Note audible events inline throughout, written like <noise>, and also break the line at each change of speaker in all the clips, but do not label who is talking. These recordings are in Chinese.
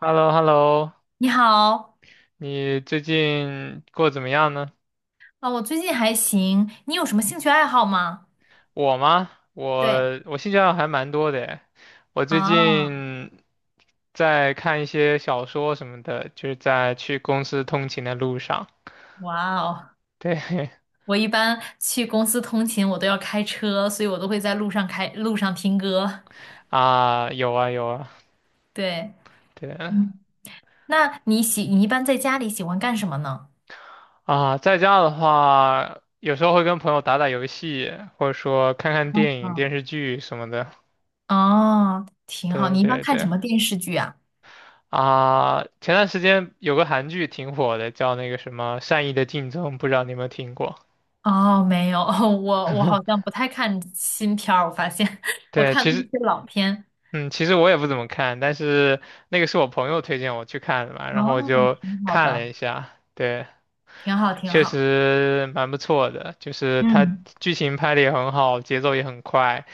Hello. Hello.
你好。
你最近过得怎么样呢？
我最近还行，你有什么兴趣爱好吗？
我吗？
对。
我兴趣爱好还蛮多的诶，我最
啊。
近在看一些小说什么的，就是在去公司通勤的路上。
哇哦。
对 <laughs>
我一般去公司通勤，我都要开车，所以我都会在路上开，路上听歌。
啊，有啊有啊，
对。
对
嗯。那你喜，你一般在家里喜欢干什么呢？
啊，在家的话，有时候会跟朋友打打游戏，或者说看看电影、电
嗯。
视剧什么的。
哦，挺好，
对
你一般
对
看什
对。
么电视剧啊？
啊，前段时间有个韩剧挺火的，叫那个什么《善意的竞争》，不知道你有没有听过？
哦，没有，<laughs> 我好像不太看新片儿，我发现 <laughs> 我
对，
看
其
都是
实，
些老片。
嗯，其实我也不怎么看，但是那个是我朋友推荐我去看的嘛，然后我
哦，
就
挺好
看
的，
了一下，对，
挺好，挺
确
好。
实蛮不错的，就是它
嗯。
剧情拍的也很好，节奏也很快，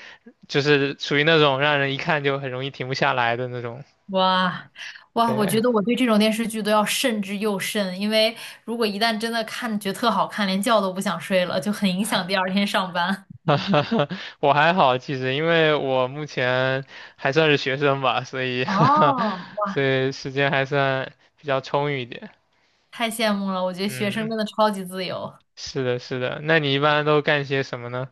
就是属于那种让人一看就很容易停不下来的那种。
哇，哇，我
对，
觉得我对这种电视剧都要慎之又慎，因为如果一旦真的看觉得特好看，连觉都不想睡了，就很影响第二天上班。
<laughs> 我还好，其实因为我目前还算是学生吧，所以
<laughs> 哦，
<laughs> 所以时间还算比较充裕一点。
太羡慕了，我觉得学生
嗯，
真的超级自由。
是的，是的。那你一般都干些什么呢？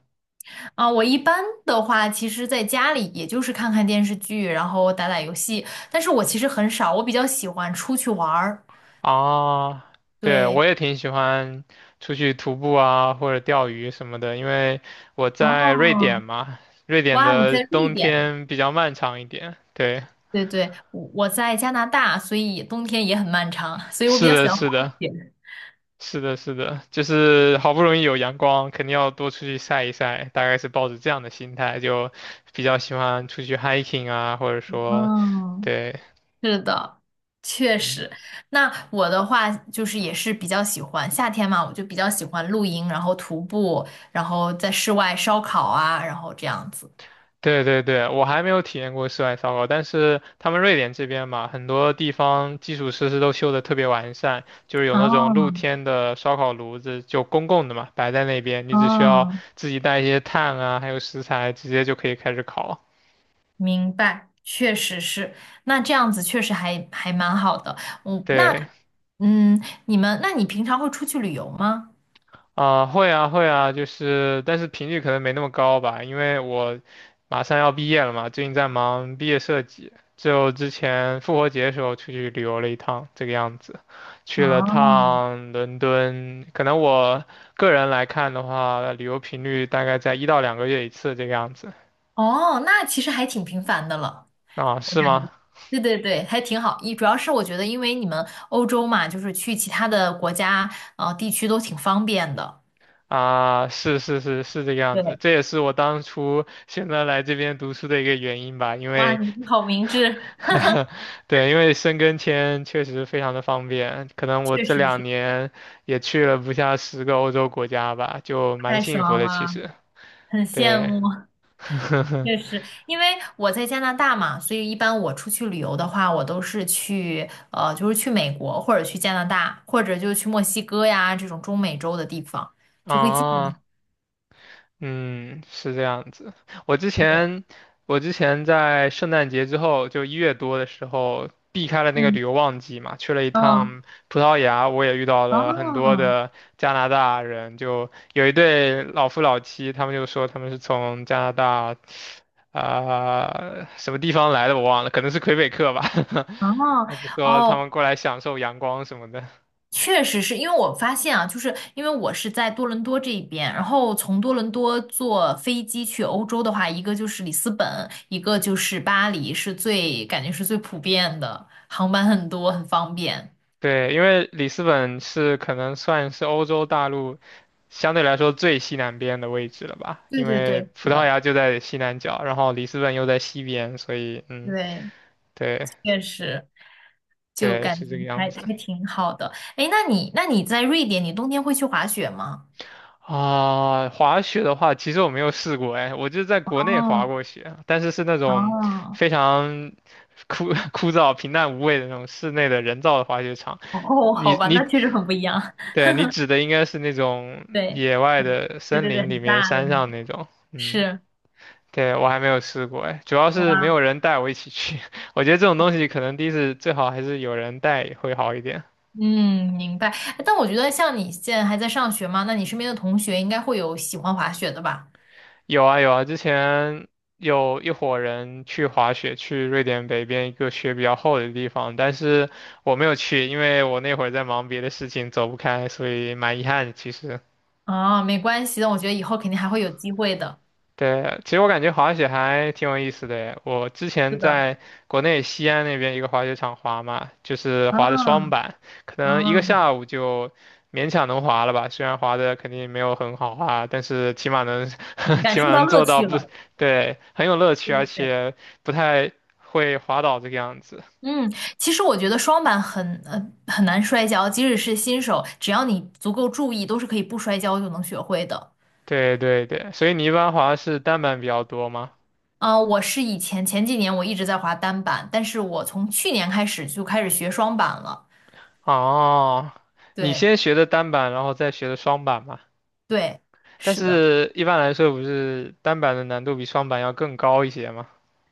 啊！我一般的话，其实在家里也就是看看电视剧，然后打打游戏，但是我其实很少，我比较喜欢出去玩儿。
啊，对，
对。
我也挺喜欢出去徒步啊，或者钓鱼什么的，因为我在瑞
哦。
典嘛，瑞典
哇，你
的
在瑞
冬
典？
天比较漫长一点。对，
对对，我在加拿大，所以冬天也很漫长，所以我比
是
较喜
的，
欢
是
滑
的。
雪。
是的，是的，就是好不容易有阳光，肯定要多出去晒一晒，大概是抱着这样的心态，就比较喜欢出去 hiking 啊，或者说，
嗯，
对，
是的，确
嗯，
实。那我的话就是也是比较喜欢夏天嘛，我就比较喜欢露营，然后徒步，然后在室外烧烤啊，然后这样子。
对对对，我还没有体验过室外烧烤，但是他们瑞典这边嘛，很多地方基础设施都修得特别完善，就是有那种露
哦。
天的烧烤炉子，就公共的嘛，摆在那边，你只需要
哦，
自己带一些炭啊，还有食材，直接就可以开始烤。
明白，确实是。那这样子确实还还蛮好的。嗯，那
对，
嗯，你们，那你平常会出去旅游吗？
啊，会啊，会啊，就是，但是频率可能没那么高吧，因为我马上要毕业了嘛，最近在忙毕业设计，就之前复活节的时候出去旅游了一趟，这个样子，去了
哦。
趟伦敦，可能我个人来看的话，旅游频率大概在1到2个月一次这个样子，
哦，那其实还挺频繁的了。
啊，是吗？
对对对，还挺好。一主要是我觉得，因为你们欧洲嘛，就是去其他的国家地区都挺方便的。
啊，是是是是这个样子，
对。
这也是我当初选择来这边读书的一个原因吧，因
哇，
为。
你们好明智。
<laughs> 对，因为申根签确实非常的方便，可
<laughs>
能我
确
这
实
两
是，
年也去了不下10个欧洲国家吧，就蛮
太爽
幸福的其
了，
实。
很羡
对，
慕。
<laughs>
确实，因为我在加拿大嘛，所以一般我出去旅游的话，我都是去就是去美国或者去加拿大，或者就去墨西哥呀这种中美洲的地方，就会近一些。
啊，嗯，是这样子。我之
对。
前，我之前在圣诞节之后，就1月多的时候，避开了那个旅
嗯。
游旺季嘛，去了一
嗯。
趟葡萄牙，我也遇到了很多
哦。
的加拿大人，就有一对老夫老妻，他们就说他们是从加拿大，啊、什么地方来的我忘了，可能是魁北克吧，<laughs>
哦。
那就说他
哦，
们过来享受阳光什么的。
确实是因为我发现啊，就是因为我是在多伦多这一边，然后从多伦多坐飞机去欧洲的话，一个就是里斯本，一个就是巴黎，是最感觉是最普遍的，航班很多，很方便。
对，因为里斯本是可能算是欧洲大陆相对来说最西南边的位置了吧，
对
因
对对，
为葡
是
萄
的。
牙就在西南角，然后里斯本又在西边，所以嗯，
对。
对
确实，就
对，
感
是
觉
这个样
还
子。
还挺好的。哎，那你那你在瑞典，你冬天会去滑雪吗？
啊，滑雪的话，其实我没有试过，哎，我就在国内滑
哦。
过雪，但是是那种
哦。
非常枯 <laughs> 枯燥、平淡无味的那种室内的人造的滑雪场。
哦，好
你
吧，那
你，
确实很不一样。<laughs>
对，你指的应该是那种
对
野外的
对
森
对对，
林里
很
面、
大的
山
那
上
种，
那种。嗯。
是。
对，我还没有试过哎，主要是没
哇。
有人带我一起去。<laughs> 我觉得这种东西可能第1次最好还是有人带会好一点。
嗯，明白。但我觉得像你现在还在上学嘛，那你身边的同学应该会有喜欢滑雪的吧？
有啊有啊，之前有一伙人去滑雪，去瑞典北边一个雪比较厚的地方，但是我没有去，因为我那会儿在忙别的事情，走不开，所以蛮遗憾的其实。
啊，没关系的，我觉得以后肯定还会有机会的。
对，其实我感觉滑雪还挺有意思的耶我之
是
前
的。
在国内西安那边一个滑雪场滑嘛，就是
啊。
滑的双板，可能一个
嗯，
下午就勉强能滑了吧。虽然滑的肯定没有很好啊，但是起码能 <laughs>
感
起码
受到
能
乐
做到
趣
不，
了。
对，很有乐趣，
对
而
对对。
且不太会滑倒这个样子。
嗯，其实我觉得双板很很难摔跤，即使是新手，只要你足够注意，都是可以不摔跤就能学会的。
对对对，所以你一般滑是单板比较多吗？
啊，我是以前前几年我一直在滑单板，但是我从去年开始就开始学双板了。
哦，你
对。
先学的单板，然后再学的双板吗？
对，
但
是的。
是一般来说，不是单板的难度比双板要更高一些吗？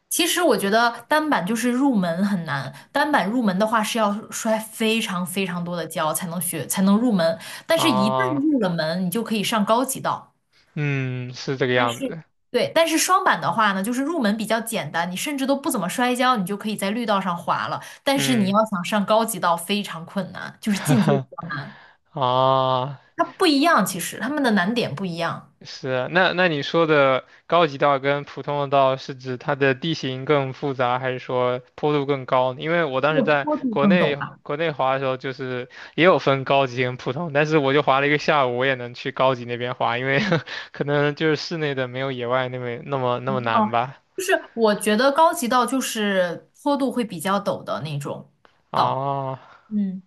其实我觉得单板就是入门很难，单板入门的话是要摔非常非常多的跤才能学，才能入门。但是，一
啊，
旦入了门，你就可以上高级道。
嗯，是这个
但
样
是，
子，
对，但是双板的话呢，就是入门比较简单，你甚至都不怎么摔跤，你就可以在绿道上滑了。但是你
嗯，
要想上高级道非常困难，就是进阶道，
<laughs> 啊，
它不一样，其实它们的难点不一样，
是，那那你说的高级道跟普通的道是指它的地形更复杂，还是说坡度更高呢？因为我当
这
时
个
在
坡度
国
更陡
内
吧？
滑的时候，就是也有分高级跟普通，但是我就滑了一个下午，我也能去高级那边滑，因为 <laughs> 可能就是室内的没有野外那么难
哦，
吧。
就是我觉得高级道就是坡度会比较陡的那种道。
啊，
嗯，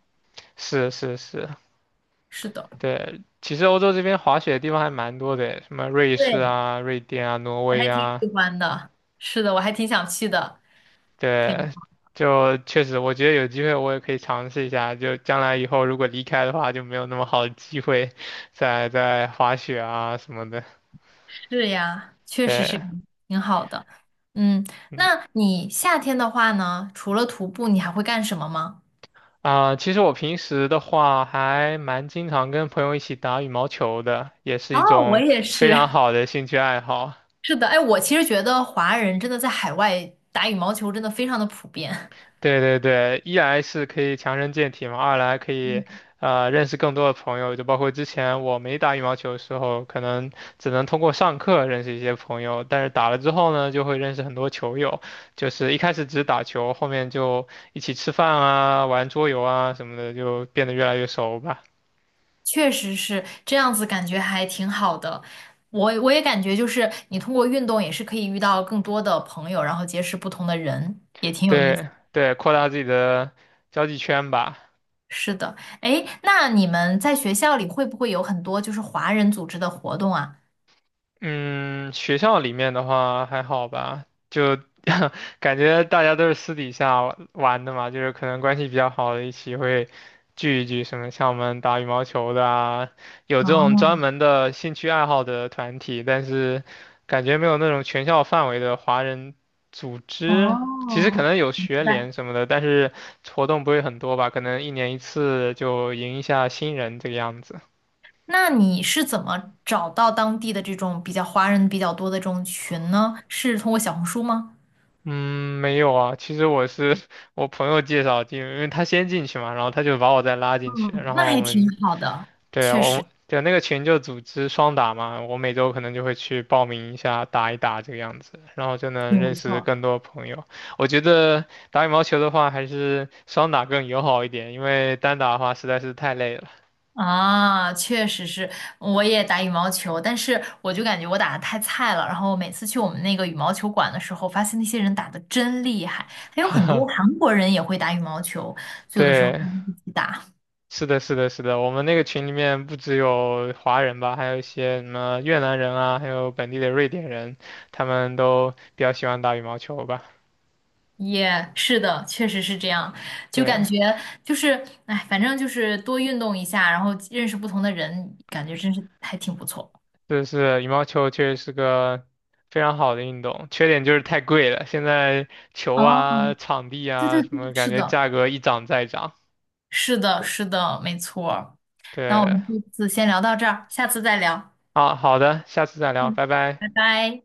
是是是，
是的。
对，其实欧洲这边滑雪的地方还蛮多的，什么瑞士
对，
啊、瑞典啊、挪
我
威
还挺
啊，
喜欢的。是的，我还挺想去的。挺
对，
好。
就确实，我觉得有机会我也可以尝试一下，就将来以后如果离开的话，就没有那么好的机会再滑雪啊什么的。
是呀，确实是，
对，
挺好的。嗯，
嗯
那你夏天的话呢，除了徒步，你还会干什么吗？
啊，其实我平时的话还蛮经常跟朋友一起打羽毛球的，也是一
哦，我
种
也
非常
是。
好的兴趣爱好。
<laughs> 是的，哎，我其实觉得华人真的在海外打羽毛球真的非常的普遍。
对对对，一来是可以强身健体嘛，二来可以
嗯。
认识更多的朋友，就包括之前我没打羽毛球的时候，可能只能通过上课认识一些朋友，但是打了之后呢，就会认识很多球友，就是一开始只是打球，后面就一起吃饭啊、玩桌游啊什么的，就变得越来越熟吧。
<laughs> 确实是这样子，感觉还挺好的。我也感觉就是你通过运动也是可以遇到更多的朋友，然后结识不同的人，也挺有意思。
对对，扩大自己的交际圈吧。
是的，哎，那你们在学校里会不会有很多就是华人组织的活动啊？
嗯，学校里面的话还好吧，就 <laughs> 感觉大家都是私底下玩玩的嘛，就是可能关系比较好的一起会聚一聚，什么像我们打羽毛球的啊，有这种
哦。
专门的兴趣爱好的团体，但是感觉没有那种全校范围的华人组织。其实可
哦，
能有
明
学
白。
联什么的，但是活动不会很多吧，可能1年1次就迎一下新人这个样子。
那你是怎么找到当地的这种比较华人比较多的这种群呢？是通过小红书吗？
嗯，没有啊。其实我是 <laughs> 我朋友介绍进，因为他先进去嘛，然后他就把我再拉进去，
嗯，
然
那
后我
还挺
们
好的，
对啊
确实
我对啊那个群就组织双打嘛，我每周可能就会去报名一下，打一打这个样子，然后就能
挺不
认识
错。
更多朋友。我觉得打羽毛球的话，还是双打更友好一点，因为单打的话实在是太累了。
啊，确实是，我也打羽毛球，但是我就感觉我打的太菜了。然后每次去我们那个羽毛球馆的时候，发现那些人打的真厉害，还有很多韩国人也会打羽毛球，就有的时候会
对，
一起打。
是的，是的，是的，我们那个群里面不只有华人吧，还有一些什么越南人啊，还有本地的瑞典人，他们都比较喜欢打羽毛球吧。
也是的，确实是这样，就感
对，
觉就是，哎，反正就是多运动一下，然后认识不同的人，感觉真是还挺不错。
就是羽毛球确实是个非常好的运动，缺点就是太贵了。现在球
哦，
啊、场地
对
啊
对
什
对，
么，感
是
觉
的，
价格一涨再涨。
是的，是的，没错儿。那我
对，
们这次先聊到这儿，下次再聊。
啊，好的，下次再聊，
嗯，
拜拜。
拜拜。